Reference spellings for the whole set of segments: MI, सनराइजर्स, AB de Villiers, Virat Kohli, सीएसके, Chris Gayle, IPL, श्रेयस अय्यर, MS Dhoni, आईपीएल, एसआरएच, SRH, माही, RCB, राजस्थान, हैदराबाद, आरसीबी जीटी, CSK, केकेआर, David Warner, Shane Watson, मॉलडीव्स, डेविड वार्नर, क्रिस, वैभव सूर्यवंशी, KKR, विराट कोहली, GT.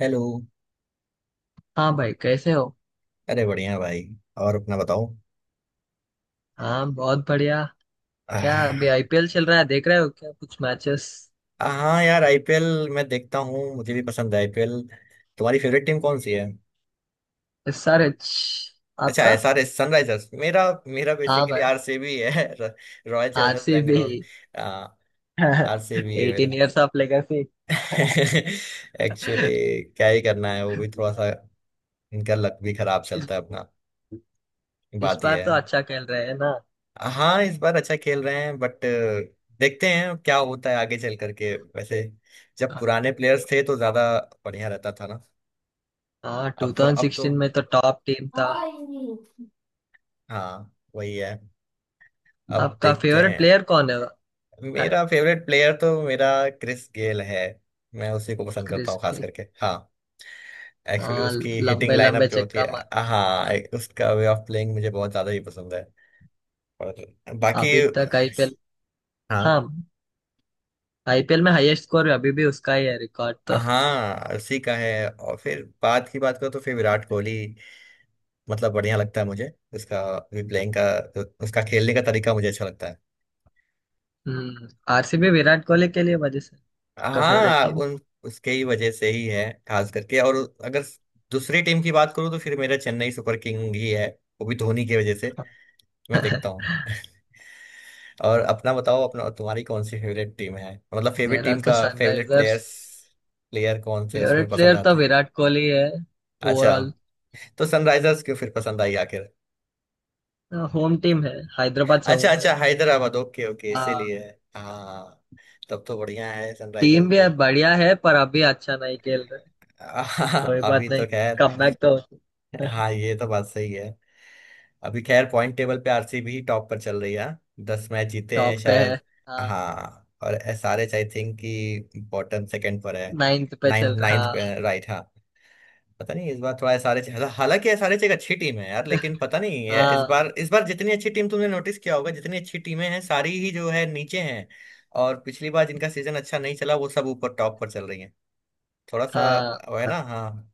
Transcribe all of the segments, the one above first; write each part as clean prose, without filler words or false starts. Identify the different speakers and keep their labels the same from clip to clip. Speaker 1: Hello.
Speaker 2: हाँ भाई, कैसे हो।
Speaker 1: अरे बढ़िया भाई। और अपना बताओ।
Speaker 2: हाँ, बहुत बढ़िया। क्या अभी
Speaker 1: आह,
Speaker 2: आईपीएल चल रहा है, देख रहे हो क्या कुछ मैचेस।
Speaker 1: हाँ यार आईपीएल मैं देखता हूँ, मुझे भी पसंद है आईपीएल। तुम्हारी फेवरेट टीम कौन सी है?
Speaker 2: इस सारे छ-
Speaker 1: अच्छा,
Speaker 2: आपका।
Speaker 1: SRS सनराइजर्स। मेरा मेरा
Speaker 2: हाँ
Speaker 1: बेसिकली
Speaker 2: भाई,
Speaker 1: आरसीबी है royal Challengers
Speaker 2: RCB.
Speaker 1: Bangalore. RCB है मेरा।
Speaker 2: 18 इयर्स ऑफ लेगेसी।
Speaker 1: एक्चुअली क्या ही करना है, वो भी थोड़ा सा इनका लक भी खराब
Speaker 2: इस,
Speaker 1: चलता है अपना।
Speaker 2: इस
Speaker 1: बात
Speaker 2: बार
Speaker 1: यह
Speaker 2: तो
Speaker 1: है,
Speaker 2: अच्छा खेल रहे हैं ना।
Speaker 1: हाँ इस बार अच्छा खेल रहे हैं बट देखते हैं अब क्या होता है आगे चल करके। वैसे जब पुराने प्लेयर्स थे तो ज्यादा बढ़िया रहता था ना।
Speaker 2: हाँ,
Speaker 1: अब तो
Speaker 2: 2016 में तो टॉप टीम था।
Speaker 1: हाँ, हाँ वही है, अब
Speaker 2: आपका
Speaker 1: देखते
Speaker 2: फेवरेट
Speaker 1: हैं।
Speaker 2: प्लेयर कौन है। अ,
Speaker 1: मेरा फेवरेट प्लेयर तो मेरा क्रिस गेल है। मैं उसी को पसंद करता
Speaker 2: क्रिस
Speaker 1: हूँ खास
Speaker 2: के।
Speaker 1: करके, हाँ। एक्चुअली
Speaker 2: हाँ,
Speaker 1: उसकी हिटिंग
Speaker 2: लंबे
Speaker 1: लाइनअप
Speaker 2: लंबे
Speaker 1: जो होती
Speaker 2: चक्का
Speaker 1: है,
Speaker 2: मार।
Speaker 1: हाँ,
Speaker 2: हाँ,
Speaker 1: उसका वे ऑफ प्लेइंग मुझे बहुत ज्यादा ही पसंद है। और बाकी,
Speaker 2: अभी तक आईपीएल।
Speaker 1: हाँ,
Speaker 2: हाँ, आईपीएल में हाईएस्ट स्कोर अभी भी उसका ही है, रिकॉर्ड तो।
Speaker 1: हाँ उसी का है। और फिर बात करो तो फिर विराट कोहली, मतलब बढ़िया लगता है मुझे। उसका प्लेइंग का, उसका खेलने का तरीका मुझे अच्छा लगता है।
Speaker 2: हम्म। आरसीबी विराट कोहली के लिए, वजह से। आपका फेवरेट
Speaker 1: हाँ
Speaker 2: टीम।
Speaker 1: उन उसके ही वजह से ही है खास करके। और अगर दूसरी टीम की बात करूँ तो फिर मेरा चेन्नई सुपर किंग ही है, वो भी धोनी की वजह से, मैं देखता हूँ और अपना बताओ, अपना तुम्हारी कौन सी फेवरेट टीम है, मतलब फेवरेट
Speaker 2: मेरा
Speaker 1: टीम
Speaker 2: तो
Speaker 1: का फेवरेट
Speaker 2: सनराइजर्स।
Speaker 1: प्लेयर्स प्लेयर कौन से उसमें
Speaker 2: फेवरेट
Speaker 1: पसंद
Speaker 2: प्लेयर तो
Speaker 1: आते हैं?
Speaker 2: विराट कोहली है,
Speaker 1: अच्छा,
Speaker 2: ओवरऑल।
Speaker 1: तो सनराइजर्स क्यों फिर पसंद आई आखिर?
Speaker 2: होम टीम है, हैदराबाद से हूँ
Speaker 1: अच्छा
Speaker 2: मैं।
Speaker 1: अच्छा, हैदराबाद, ओके ओके,
Speaker 2: हाँ,
Speaker 1: इसीलिए। हाँ, तब तो बढ़िया है सनराइजर्स
Speaker 2: टीम भी
Speaker 1: भी।
Speaker 2: बढ़िया है, पर अभी अच्छा नहीं खेल रहे।
Speaker 1: हाँ,
Speaker 2: कोई
Speaker 1: अभी
Speaker 2: बात
Speaker 1: तो
Speaker 2: नहीं,
Speaker 1: खैर।
Speaker 2: कमबैक तो।
Speaker 1: हाँ ये तो बात सही है। अभी खैर पॉइंट टेबल पे आरसीबी ही टॉप पर चल रही है, 10 मैच जीते हैं
Speaker 2: टॉप पे है।
Speaker 1: शायद।
Speaker 2: हाँ,
Speaker 1: हाँ, और एसआरएच आई थिंक कि बॉटम सेकंड पर है।
Speaker 2: नाइन्थ पे चल
Speaker 1: नाइन्थ
Speaker 2: रहा।
Speaker 1: नाइन्थ पे, राइट, हाँ। पता नहीं इस बार थोड़ा एसआरएच, हालांकि एसआरएच एक अच्छी टीम है यार, लेकिन पता नहीं ये
Speaker 2: हाँ।
Speaker 1: इस बार जितनी अच्छी टीम, तुमने नोटिस किया होगा, जितनी अच्छी टीमें हैं सारी ही जो है नीचे हैं। और पिछली बार जिनका सीजन अच्छा नहीं चला वो सब ऊपर टॉप पर चल रही हैं थोड़ा सा।
Speaker 2: हाँ।
Speaker 1: वो है
Speaker 2: हाँ,
Speaker 1: ना, हाँ।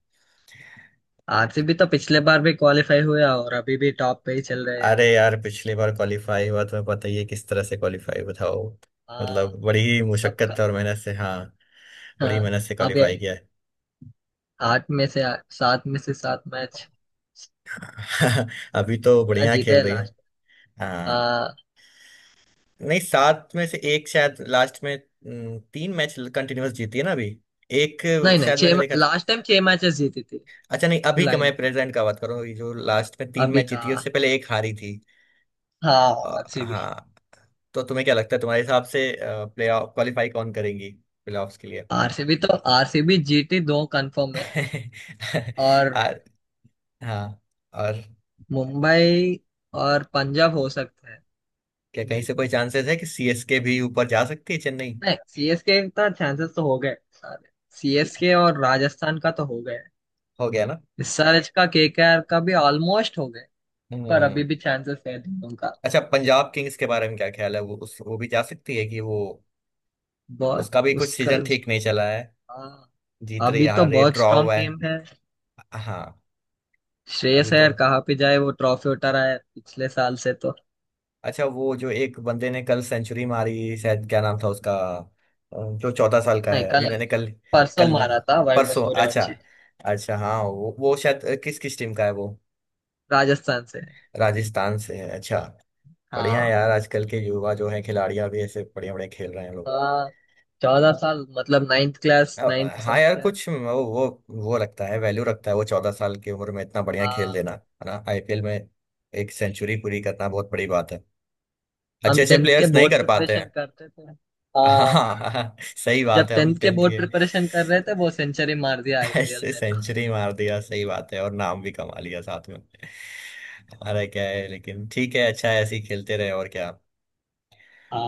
Speaker 2: आरसीबी तो पिछले बार भी क्वालिफाई हुआ, और अभी भी टॉप पे ही चल रहे हैं।
Speaker 1: अरे यार पिछली बार क्वालिफाई हुआ, तुम्हें पता ही है किस तरह से क्वालिफाई, बताओ,
Speaker 2: हाँ।
Speaker 1: मतलब बड़ी
Speaker 2: अब
Speaker 1: मुशक्कत
Speaker 2: क-
Speaker 1: और मेहनत से, हाँ, बड़ी
Speaker 2: हाँ,
Speaker 1: मेहनत से
Speaker 2: अब ये
Speaker 1: क्वालिफाई किया है।
Speaker 2: आठ में से सात में से सात मैच
Speaker 1: अभी तो
Speaker 2: क्या
Speaker 1: बढ़िया
Speaker 2: जीते
Speaker 1: खेल
Speaker 2: है
Speaker 1: रही है।
Speaker 2: लास्ट।
Speaker 1: हाँ,
Speaker 2: आ,
Speaker 1: नहीं, सात में से एक शायद लास्ट में। तीन मैच कंटिन्यूअस जीती है ना अभी। एक
Speaker 2: नहीं नहीं,
Speaker 1: शायद मैंने
Speaker 2: छह
Speaker 1: देखा था।
Speaker 2: लास्ट टाइम 6 मैचेस जीती थी।
Speaker 1: अच्छा, नहीं, अभी का
Speaker 2: लाइन।
Speaker 1: मैं प्रेजेंट का बात करूँ जो लास्ट में तीन
Speaker 2: अभी
Speaker 1: मैच
Speaker 2: का।
Speaker 1: जीती है, उससे पहले एक हारी थी।
Speaker 2: हाँ,
Speaker 1: अ,
Speaker 2: आरसीबी।
Speaker 1: हाँ। तो तुम्हें क्या लगता है, तुम्हारे हिसाब से प्ले ऑफ क्वालिफाई कौन करेंगी, प्ले ऑफ्स के लिए?
Speaker 2: आरसीबी तो आरसीबी जीटी दो कंफर्म है। और
Speaker 1: और, हाँ, और
Speaker 2: मुंबई और पंजाब हो सकते हैं।
Speaker 1: क्या कहीं से कोई
Speaker 2: देखना,
Speaker 1: चांसेस है कि सीएसके भी ऊपर जा सकती है, चेन्नई?
Speaker 2: नहीं सीएसके का चांसेस तो हो गए सारे। सीएसके और राजस्थान का तो हो गए।
Speaker 1: हो गया ना।
Speaker 2: एसआरएच का, केकेआर का भी ऑलमोस्ट हो गए। पर
Speaker 1: हम्म।
Speaker 2: अभी भी चांसेस है दोनों का।
Speaker 1: अच्छा, पंजाब किंग्स के बारे में क्या ख्याल है, वो उस वो भी जा सकती है कि वो,
Speaker 2: बहुत।
Speaker 1: उसका भी कुछ
Speaker 2: उसका।
Speaker 1: सीजन ठीक नहीं चला है,
Speaker 2: हाँ,
Speaker 1: जीत रही,
Speaker 2: अभी तो
Speaker 1: हार रही,
Speaker 2: बहुत
Speaker 1: ड्रॉ
Speaker 2: स्ट्रांग
Speaker 1: हुआ है।
Speaker 2: टीम है।
Speaker 1: हाँ, अभी
Speaker 2: श्रेयस
Speaker 1: तो,
Speaker 2: अय्यर कहाँ पे जाए, वो ट्रॉफी उठा रहा है पिछले साल से तो।
Speaker 1: अच्छा, वो जो एक बंदे ने कल सेंचुरी मारी शायद, क्या नाम था उसका? अ, जो 14 साल का
Speaker 2: नहीं
Speaker 1: है, अभी
Speaker 2: कल नहीं,
Speaker 1: मैंने कल,
Speaker 2: परसों
Speaker 1: कल
Speaker 2: मारा था, वैभव
Speaker 1: परसों, अच्छा,
Speaker 2: सूर्यवंशी।
Speaker 1: अच्छा, हाँ वो, शायद किस किस टीम का है वो?
Speaker 2: राजस्थान से है।
Speaker 1: राजस्थान से है, अच्छा। बढ़िया है
Speaker 2: हाँ।
Speaker 1: यार आजकल के युवा जो है खिलाड़ियां भी ऐसे बढ़िया बढ़िया खेल रहे हैं लोग।
Speaker 2: हाँ, 14 साल मतलब नाइन्थ क्लास, नाइन्थ
Speaker 1: हाँ यार
Speaker 2: क्लास।
Speaker 1: कुछ वो, वो लगता है वैल्यू रखता है वो, 14 साल की उम्र में इतना बढ़िया खेल
Speaker 2: हाँ,
Speaker 1: देना है ना आईपीएल में। एक सेंचुरी पूरी करना बहुत बड़ी बात है, अच्छे
Speaker 2: हम
Speaker 1: अच्छे
Speaker 2: टेंथ के
Speaker 1: प्लेयर्स नहीं
Speaker 2: बोर्ड
Speaker 1: कर पाते
Speaker 2: प्रिपरेशन
Speaker 1: हैं।
Speaker 2: करते थे। हाँ,
Speaker 1: हाँ सही
Speaker 2: जब
Speaker 1: बात है,
Speaker 2: टेंथ
Speaker 1: हम
Speaker 2: के
Speaker 1: टेंथ
Speaker 2: बोर्ड
Speaker 1: के।
Speaker 2: प्रिपरेशन कर रहे थे, वो सेंचुरी मार दिया आईपीएल
Speaker 1: ऐसे
Speaker 2: में तो।
Speaker 1: सेंचुरी मार दिया, सही बात है, और नाम भी कमा लिया साथ में। हमारा क्या है, लेकिन ठीक है, अच्छा है ऐसे ही खेलते रहे, और क्या।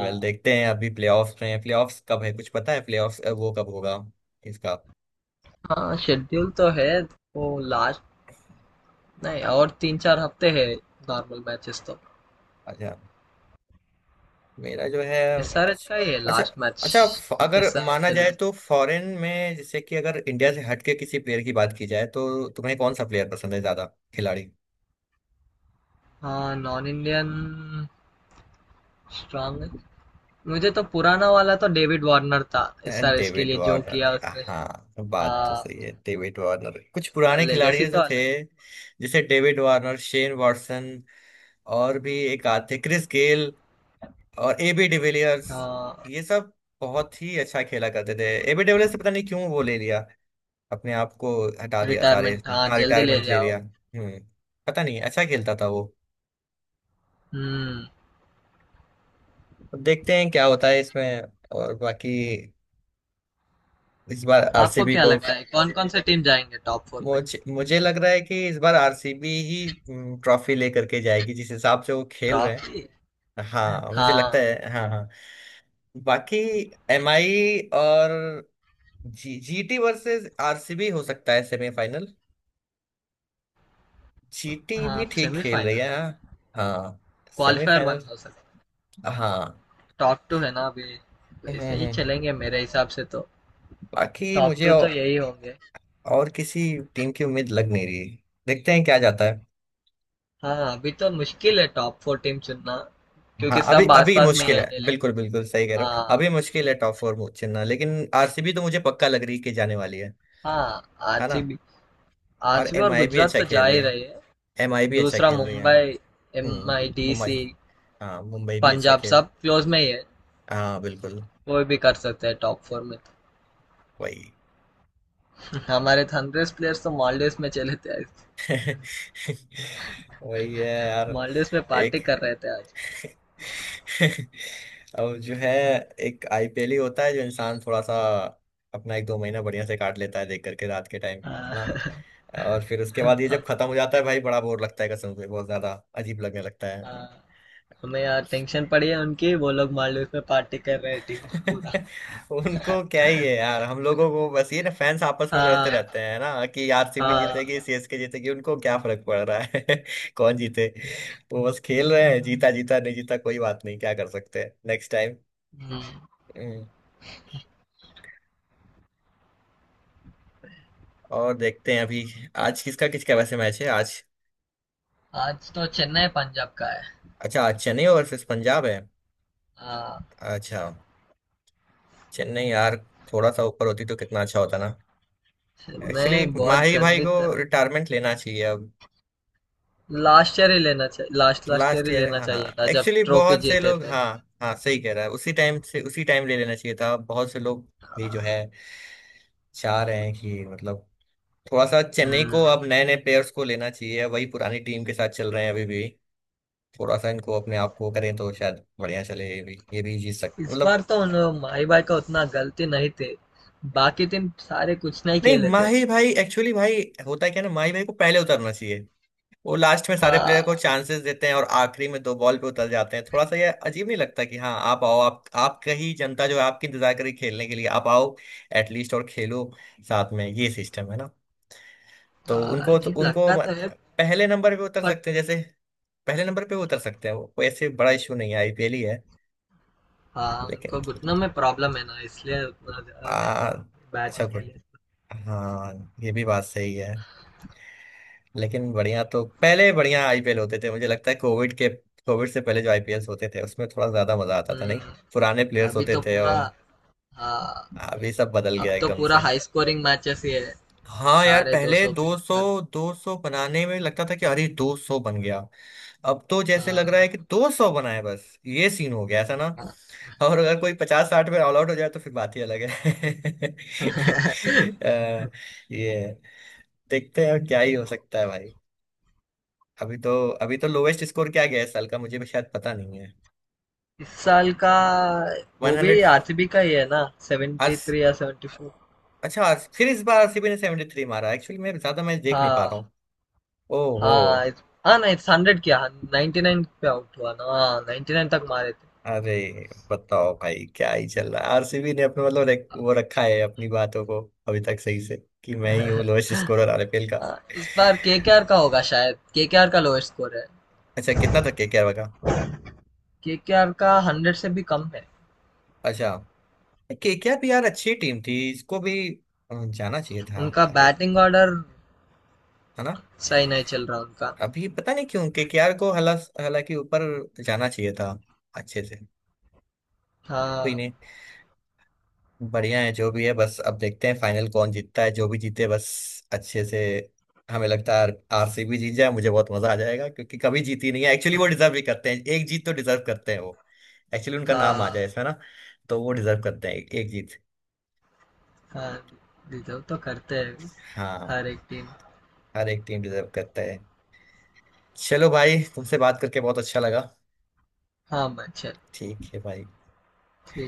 Speaker 1: वेल, देखते हैं। अभी प्लेऑफ्स में, प्लेऑफ्स कब है कुछ पता है, प्लेऑफ्स वो कब होगा इसका?
Speaker 2: हाँ, शेड्यूल तो है। वो लास्ट। नहीं, और 3-4 हफ्ते है नॉर्मल मैचेस तो।
Speaker 1: अच्छा। मेरा जो है,
Speaker 2: एसआरएच
Speaker 1: अच्छा,
Speaker 2: का ये
Speaker 1: अच्छा,
Speaker 2: लास्ट मैच।
Speaker 1: अच्छा अगर माना
Speaker 2: एसआरएच
Speaker 1: जाए
Speaker 2: एलएस।
Speaker 1: तो फॉरेन में, जैसे कि अगर इंडिया से हटके किसी प्लेयर की बात की जाए तो तुम्हें कौन सा प्लेयर पसंद है ज्यादा खिलाड़ी?
Speaker 2: हाँ, नॉन इंडियन स्ट्रांग है। मुझे तो पुराना वाला तो डेविड वार्नर था, एसआरएच के
Speaker 1: डेविड
Speaker 2: लिए जो किया
Speaker 1: वार्नर,
Speaker 2: उसने।
Speaker 1: हाँ बात तो
Speaker 2: हाँ,
Speaker 1: सही है, डेविड वार्नर कुछ
Speaker 2: उसका
Speaker 1: पुराने खिलाड़ी
Speaker 2: लेगेसी तो
Speaker 1: जो थे,
Speaker 2: अलग।
Speaker 1: जैसे डेविड वार्नर, शेन वाटसन, और भी एक आध थे, क्रिस गेल और एबी डिविलियर्स,
Speaker 2: हाँ,
Speaker 1: ये सब बहुत ही अच्छा खेला करते थे। एबी डिविलियर्स से पता नहीं क्यों वो ले लिया, अपने आप को हटा दिया सारे
Speaker 2: रिटायरमेंट,
Speaker 1: इसमें,
Speaker 2: हाँ
Speaker 1: हाँ
Speaker 2: जल्दी ले
Speaker 1: रिटायरमेंट ले
Speaker 2: जाओ।
Speaker 1: लिया। हम्म, पता नहीं, अच्छा खेलता था वो।
Speaker 2: हम्म।
Speaker 1: अब देखते हैं क्या होता है इसमें। और बाकी, इस बार
Speaker 2: आपको
Speaker 1: आरसीबी
Speaker 2: क्या
Speaker 1: को,
Speaker 2: लगता है, कौन कौन से टीम जाएंगे टॉप फोर में।
Speaker 1: मुझे मुझे लग रहा है कि इस बार आरसीबी ही, ट्रॉफी लेकर के जाएगी जिस हिसाब से वो खेल रहे
Speaker 2: ट्रॉफी।
Speaker 1: हैं। हाँ मुझे लगता
Speaker 2: हाँ।
Speaker 1: है, हाँ, हाँ। बाकी एम आई, और जी जीटी वर्सेस आरसीबी हो सकता है सेमीफाइनल। जीटी भी
Speaker 2: हाँ,
Speaker 1: ठीक खेल रही
Speaker 2: सेमीफाइनल।
Speaker 1: है। हाँ,
Speaker 2: क्वालिफायर वन
Speaker 1: सेमीफाइनल,
Speaker 2: हो सकता है।
Speaker 1: हाँ।
Speaker 2: टॉप टू है ना अभी।
Speaker 1: हैं
Speaker 2: वैसे ही
Speaker 1: हैं।
Speaker 2: चलेंगे मेरे हिसाब से तो।
Speaker 1: बाकी
Speaker 2: टॉप
Speaker 1: मुझे
Speaker 2: टू तो यही होंगे।
Speaker 1: और किसी टीम की उम्मीद लग नहीं रही, देखते हैं क्या जाता है।
Speaker 2: हाँ, अभी तो मुश्किल है टॉप फोर टीम चुनना,
Speaker 1: हाँ
Speaker 2: क्योंकि
Speaker 1: अभी
Speaker 2: सब
Speaker 1: अभी
Speaker 2: आसपास में ही
Speaker 1: मुश्किल
Speaker 2: है
Speaker 1: है,
Speaker 2: दिल्ली।
Speaker 1: बिल्कुल बिल्कुल सही कह रहे हो,
Speaker 2: हाँ।
Speaker 1: अभी मुश्किल है टॉप फोर चुनना, लेकिन आरसीबी तो मुझे पक्का लग रही है कि जाने वाली है
Speaker 2: हाँ,
Speaker 1: है ना।
Speaker 2: आरसीबी।
Speaker 1: और
Speaker 2: आरसीबी और
Speaker 1: एमआई भी
Speaker 2: गुजरात
Speaker 1: अच्छा
Speaker 2: तो जा
Speaker 1: खेल
Speaker 2: ही
Speaker 1: रही है,
Speaker 2: रही है।
Speaker 1: एमआई भी अच्छा
Speaker 2: दूसरा
Speaker 1: खेल रही है
Speaker 2: मुंबई। एम आई
Speaker 1: हम्म,
Speaker 2: डी
Speaker 1: मुंबई,
Speaker 2: सी।
Speaker 1: हाँ मुंबई भी अच्छा
Speaker 2: पंजाब
Speaker 1: खेल।
Speaker 2: सब क्लोज में ही है।
Speaker 1: हाँ बिल्कुल,
Speaker 2: कोई भी कर सकते हैं टॉप फोर में।
Speaker 1: वही।
Speaker 2: तो हमारे थंडर्स प्लेयर्स तो मॉलडीव्स में चले थे आज।
Speaker 1: वही है यार,
Speaker 2: मॉलडीव्स में
Speaker 1: एक
Speaker 2: पार्टी कर रहे थे आज।
Speaker 1: और जो है, एक आईपीएल ही होता है जो इंसान थोड़ा सा अपना एक दो महीना बढ़िया से काट लेता है देख करके रात के टाइम ना,
Speaker 2: हाँ।
Speaker 1: और फिर उसके बाद ये जब
Speaker 2: हाँ।
Speaker 1: खत्म हो जाता है भाई बड़ा बोर लगता है कसम से बहुत ज्यादा, अजीब लगने लगता
Speaker 2: हाँ।
Speaker 1: है।
Speaker 2: हमें यार टेंशन पड़ी है उनकी, वो लोग मॉलडीव्स में पार्टी कर रहे हैं टीम पूरा।
Speaker 1: उनको क्या ही है यार, हम लोगों को बस ये ना, फैंस आपस में लड़ते
Speaker 2: हाँ।
Speaker 1: रहते हैं ना कि आरसीबी जीतेगी,
Speaker 2: हाँ।
Speaker 1: सीएसके जीतेगी, उनको क्या फर्क पड़ रहा है। कौन जीते, वो बस खेल रहे हैं, जीता जीता, नहीं जीता कोई बात नहीं, क्या कर सकते हैं नेक्स्ट टाइम।
Speaker 2: हम्म।
Speaker 1: और देखते हैं, अभी आज किसका किसका वैसे मैच है आज?
Speaker 2: आज तो चेन्नई पंजाब का है।
Speaker 1: अच्छा, आज चेन्नई वर्सेस पंजाब है।
Speaker 2: हाँ,
Speaker 1: अच्छा, चेन्नई यार थोड़ा सा ऊपर होती तो कितना अच्छा होता ना। एक्चुअली
Speaker 2: चेन्नई बहुत
Speaker 1: माही भाई
Speaker 2: गंदी
Speaker 1: को
Speaker 2: तरह।
Speaker 1: रिटायरमेंट लेना चाहिए अब।
Speaker 2: लास्ट ईयर ही लेना चाहिए, लास्ट लास्ट ईयर
Speaker 1: लास्ट
Speaker 2: ही
Speaker 1: ईयर,
Speaker 2: लेना
Speaker 1: हाँ,
Speaker 2: चाहिए था जब
Speaker 1: एक्चुअली
Speaker 2: ट्रॉफी
Speaker 1: बहुत से
Speaker 2: जीते
Speaker 1: लोग,
Speaker 2: थे।
Speaker 1: हाँ, हाँ सही कह रहा है, उसी टाइम से, उसी टाइम ले लेना चाहिए था। बहुत से लोग भी जो है चाह रहे हैं कि मतलब थोड़ा सा चेन्नई को
Speaker 2: हम्म।
Speaker 1: अब नए नए प्लेयर्स को लेना चाहिए, वही पुरानी टीम के साथ चल रहे हैं अभी भी। थोड़ा सा इनको अपने आप को करें तो शायद बढ़िया चले, ये भी जीत सकते
Speaker 2: इस
Speaker 1: मतलब।
Speaker 2: बार तो उन, माही भाई का उतना गलती नहीं थी, बाकी टीम सारे कुछ नहीं
Speaker 1: नहीं
Speaker 2: खेले थे।
Speaker 1: माही भाई, एक्चुअली भाई, होता है क्या ना, माही भाई को पहले उतरना चाहिए। वो लास्ट में सारे प्लेयर को
Speaker 2: हाँ।
Speaker 1: चांसेस देते हैं और आखिरी में दो बॉल पे उतर जाते हैं, थोड़ा सा ये अजीब नहीं लगता कि हाँ आप आओ, आप आपका ही जनता जो है आपकी इंतजार करी खेलने के लिए, आप आओ, एटलीस्ट और खेलो साथ में। ये सिस्टम है ना तो
Speaker 2: हाँ, अजीब
Speaker 1: उनको
Speaker 2: लगता तो है।
Speaker 1: पहले नंबर पे उतर
Speaker 2: बट
Speaker 1: सकते हैं जैसे, पहले नंबर पे उतर सकते हैं, वो कोई ऐसे बड़ा इशू नहीं है आईपीएल ही है।
Speaker 2: हाँ,
Speaker 1: लेकिन
Speaker 2: उनको घुटनों में प्रॉब्लम है ना, इसलिए उतना
Speaker 1: आ,
Speaker 2: ज्यादा नहीं
Speaker 1: अच्छा,
Speaker 2: बैटिंग के
Speaker 1: गुड,
Speaker 2: लिए।
Speaker 1: हाँ ये भी बात सही है। लेकिन बढ़िया तो पहले बढ़िया आईपीएल होते थे, मुझे लगता है कोविड के, कोविड से पहले जो आईपीएल होते थे उसमें थोड़ा ज्यादा मजा आता था, नहीं?
Speaker 2: हम्म।
Speaker 1: पुराने प्लेयर्स
Speaker 2: अभी
Speaker 1: होते
Speaker 2: तो
Speaker 1: थे,
Speaker 2: पूरा।
Speaker 1: और
Speaker 2: हाँ,
Speaker 1: अभी सब बदल गया
Speaker 2: अब तो
Speaker 1: एकदम
Speaker 2: पूरा
Speaker 1: से।
Speaker 2: हाई स्कोरिंग मैचेस ही है।
Speaker 1: हाँ यार
Speaker 2: साढ़े दो
Speaker 1: पहले
Speaker 2: सौ के ऊपर।
Speaker 1: 200 बनाने में लगता था कि अरे 200 बन गया, अब तो जैसे लग रहा
Speaker 2: हाँ,
Speaker 1: है कि 200 बनाए बस, ये सीन हो गया ऐसा ना। और अगर कोई 50 60 में ऑल आउट हो जाए तो फिर बात ही अलग है। अ, ये देखते हैं अब क्या ही हो सकता है भाई। अभी तो अभी तो लोवेस्ट स्कोर क्या गया इस साल का, मुझे भी शायद पता नहीं है।
Speaker 2: इस साल का।
Speaker 1: वन
Speaker 2: वो भी
Speaker 1: हंड्रेड।
Speaker 2: आरसीबी का ही है ना, सेवेंटी
Speaker 1: अर्स,
Speaker 2: थ्री या 74।
Speaker 1: अच्छा फिर इस बार आरसीबी ने 73 मारा। एक्चुअली मैं ज्यादा मैच देख नहीं पा रहा
Speaker 2: हाँ।
Speaker 1: हूँ। ओहो,
Speaker 2: हाँ हाँ ना इस 100 किया, 99 पे आउट हुआ ना, हाँ 99 तक मारे थे।
Speaker 1: अरे बताओ भाई क्या ही चल रहा है, आरसीबी ने अपना मतलब वो रखा है अपनी बातों को अभी तक सही से कि मैं ही हूँ लोएस्ट स्कोरर आरपीएल का।
Speaker 2: हाँ, इस बार केकेआर का होगा शायद, केकेआर का लोएस्ट स्कोर है।
Speaker 1: अच्छा, कितना था केकेआर का?
Speaker 2: केकेआर का 100 से भी कम है।
Speaker 1: अच्छा, केकेआर भी यार अच्छी टीम थी, इसको भी जाना चाहिए था
Speaker 2: उनका
Speaker 1: आगे,
Speaker 2: बैटिंग ऑर्डर
Speaker 1: है ना।
Speaker 2: सही नहीं चल रहा उनका।
Speaker 1: अभी पता नहीं क्यों केकेआर को हला हालांकि ऊपर जाना चाहिए था अच्छे से। कोई
Speaker 2: हाँ।
Speaker 1: नहीं, बढ़िया है जो भी है, बस अब देखते हैं फाइनल कौन जीतता है, जो भी जीते बस अच्छे से। हमें लगता है आरसीबी जीत जाए मुझे बहुत मजा आ जाएगा, क्योंकि कभी जीती नहीं है एक्चुअली, वो डिजर्व भी करते हैं, एक जीत तो डिजर्व करते हैं वो, एक्चुअली उनका नाम आ
Speaker 2: हाँ।
Speaker 1: जाए इसमें ना, तो वो डिजर्व करते हैं एक जीत।
Speaker 2: हाँ, डिजर्व तो करते हैं,
Speaker 1: हाँ,
Speaker 2: हर एक टीम।
Speaker 1: हर एक टीम डिजर्व करता है। चलो भाई, तुमसे बात करके बहुत अच्छा लगा।
Speaker 2: हाँ, मैं चल,
Speaker 1: ठीक है भाई।
Speaker 2: ठीक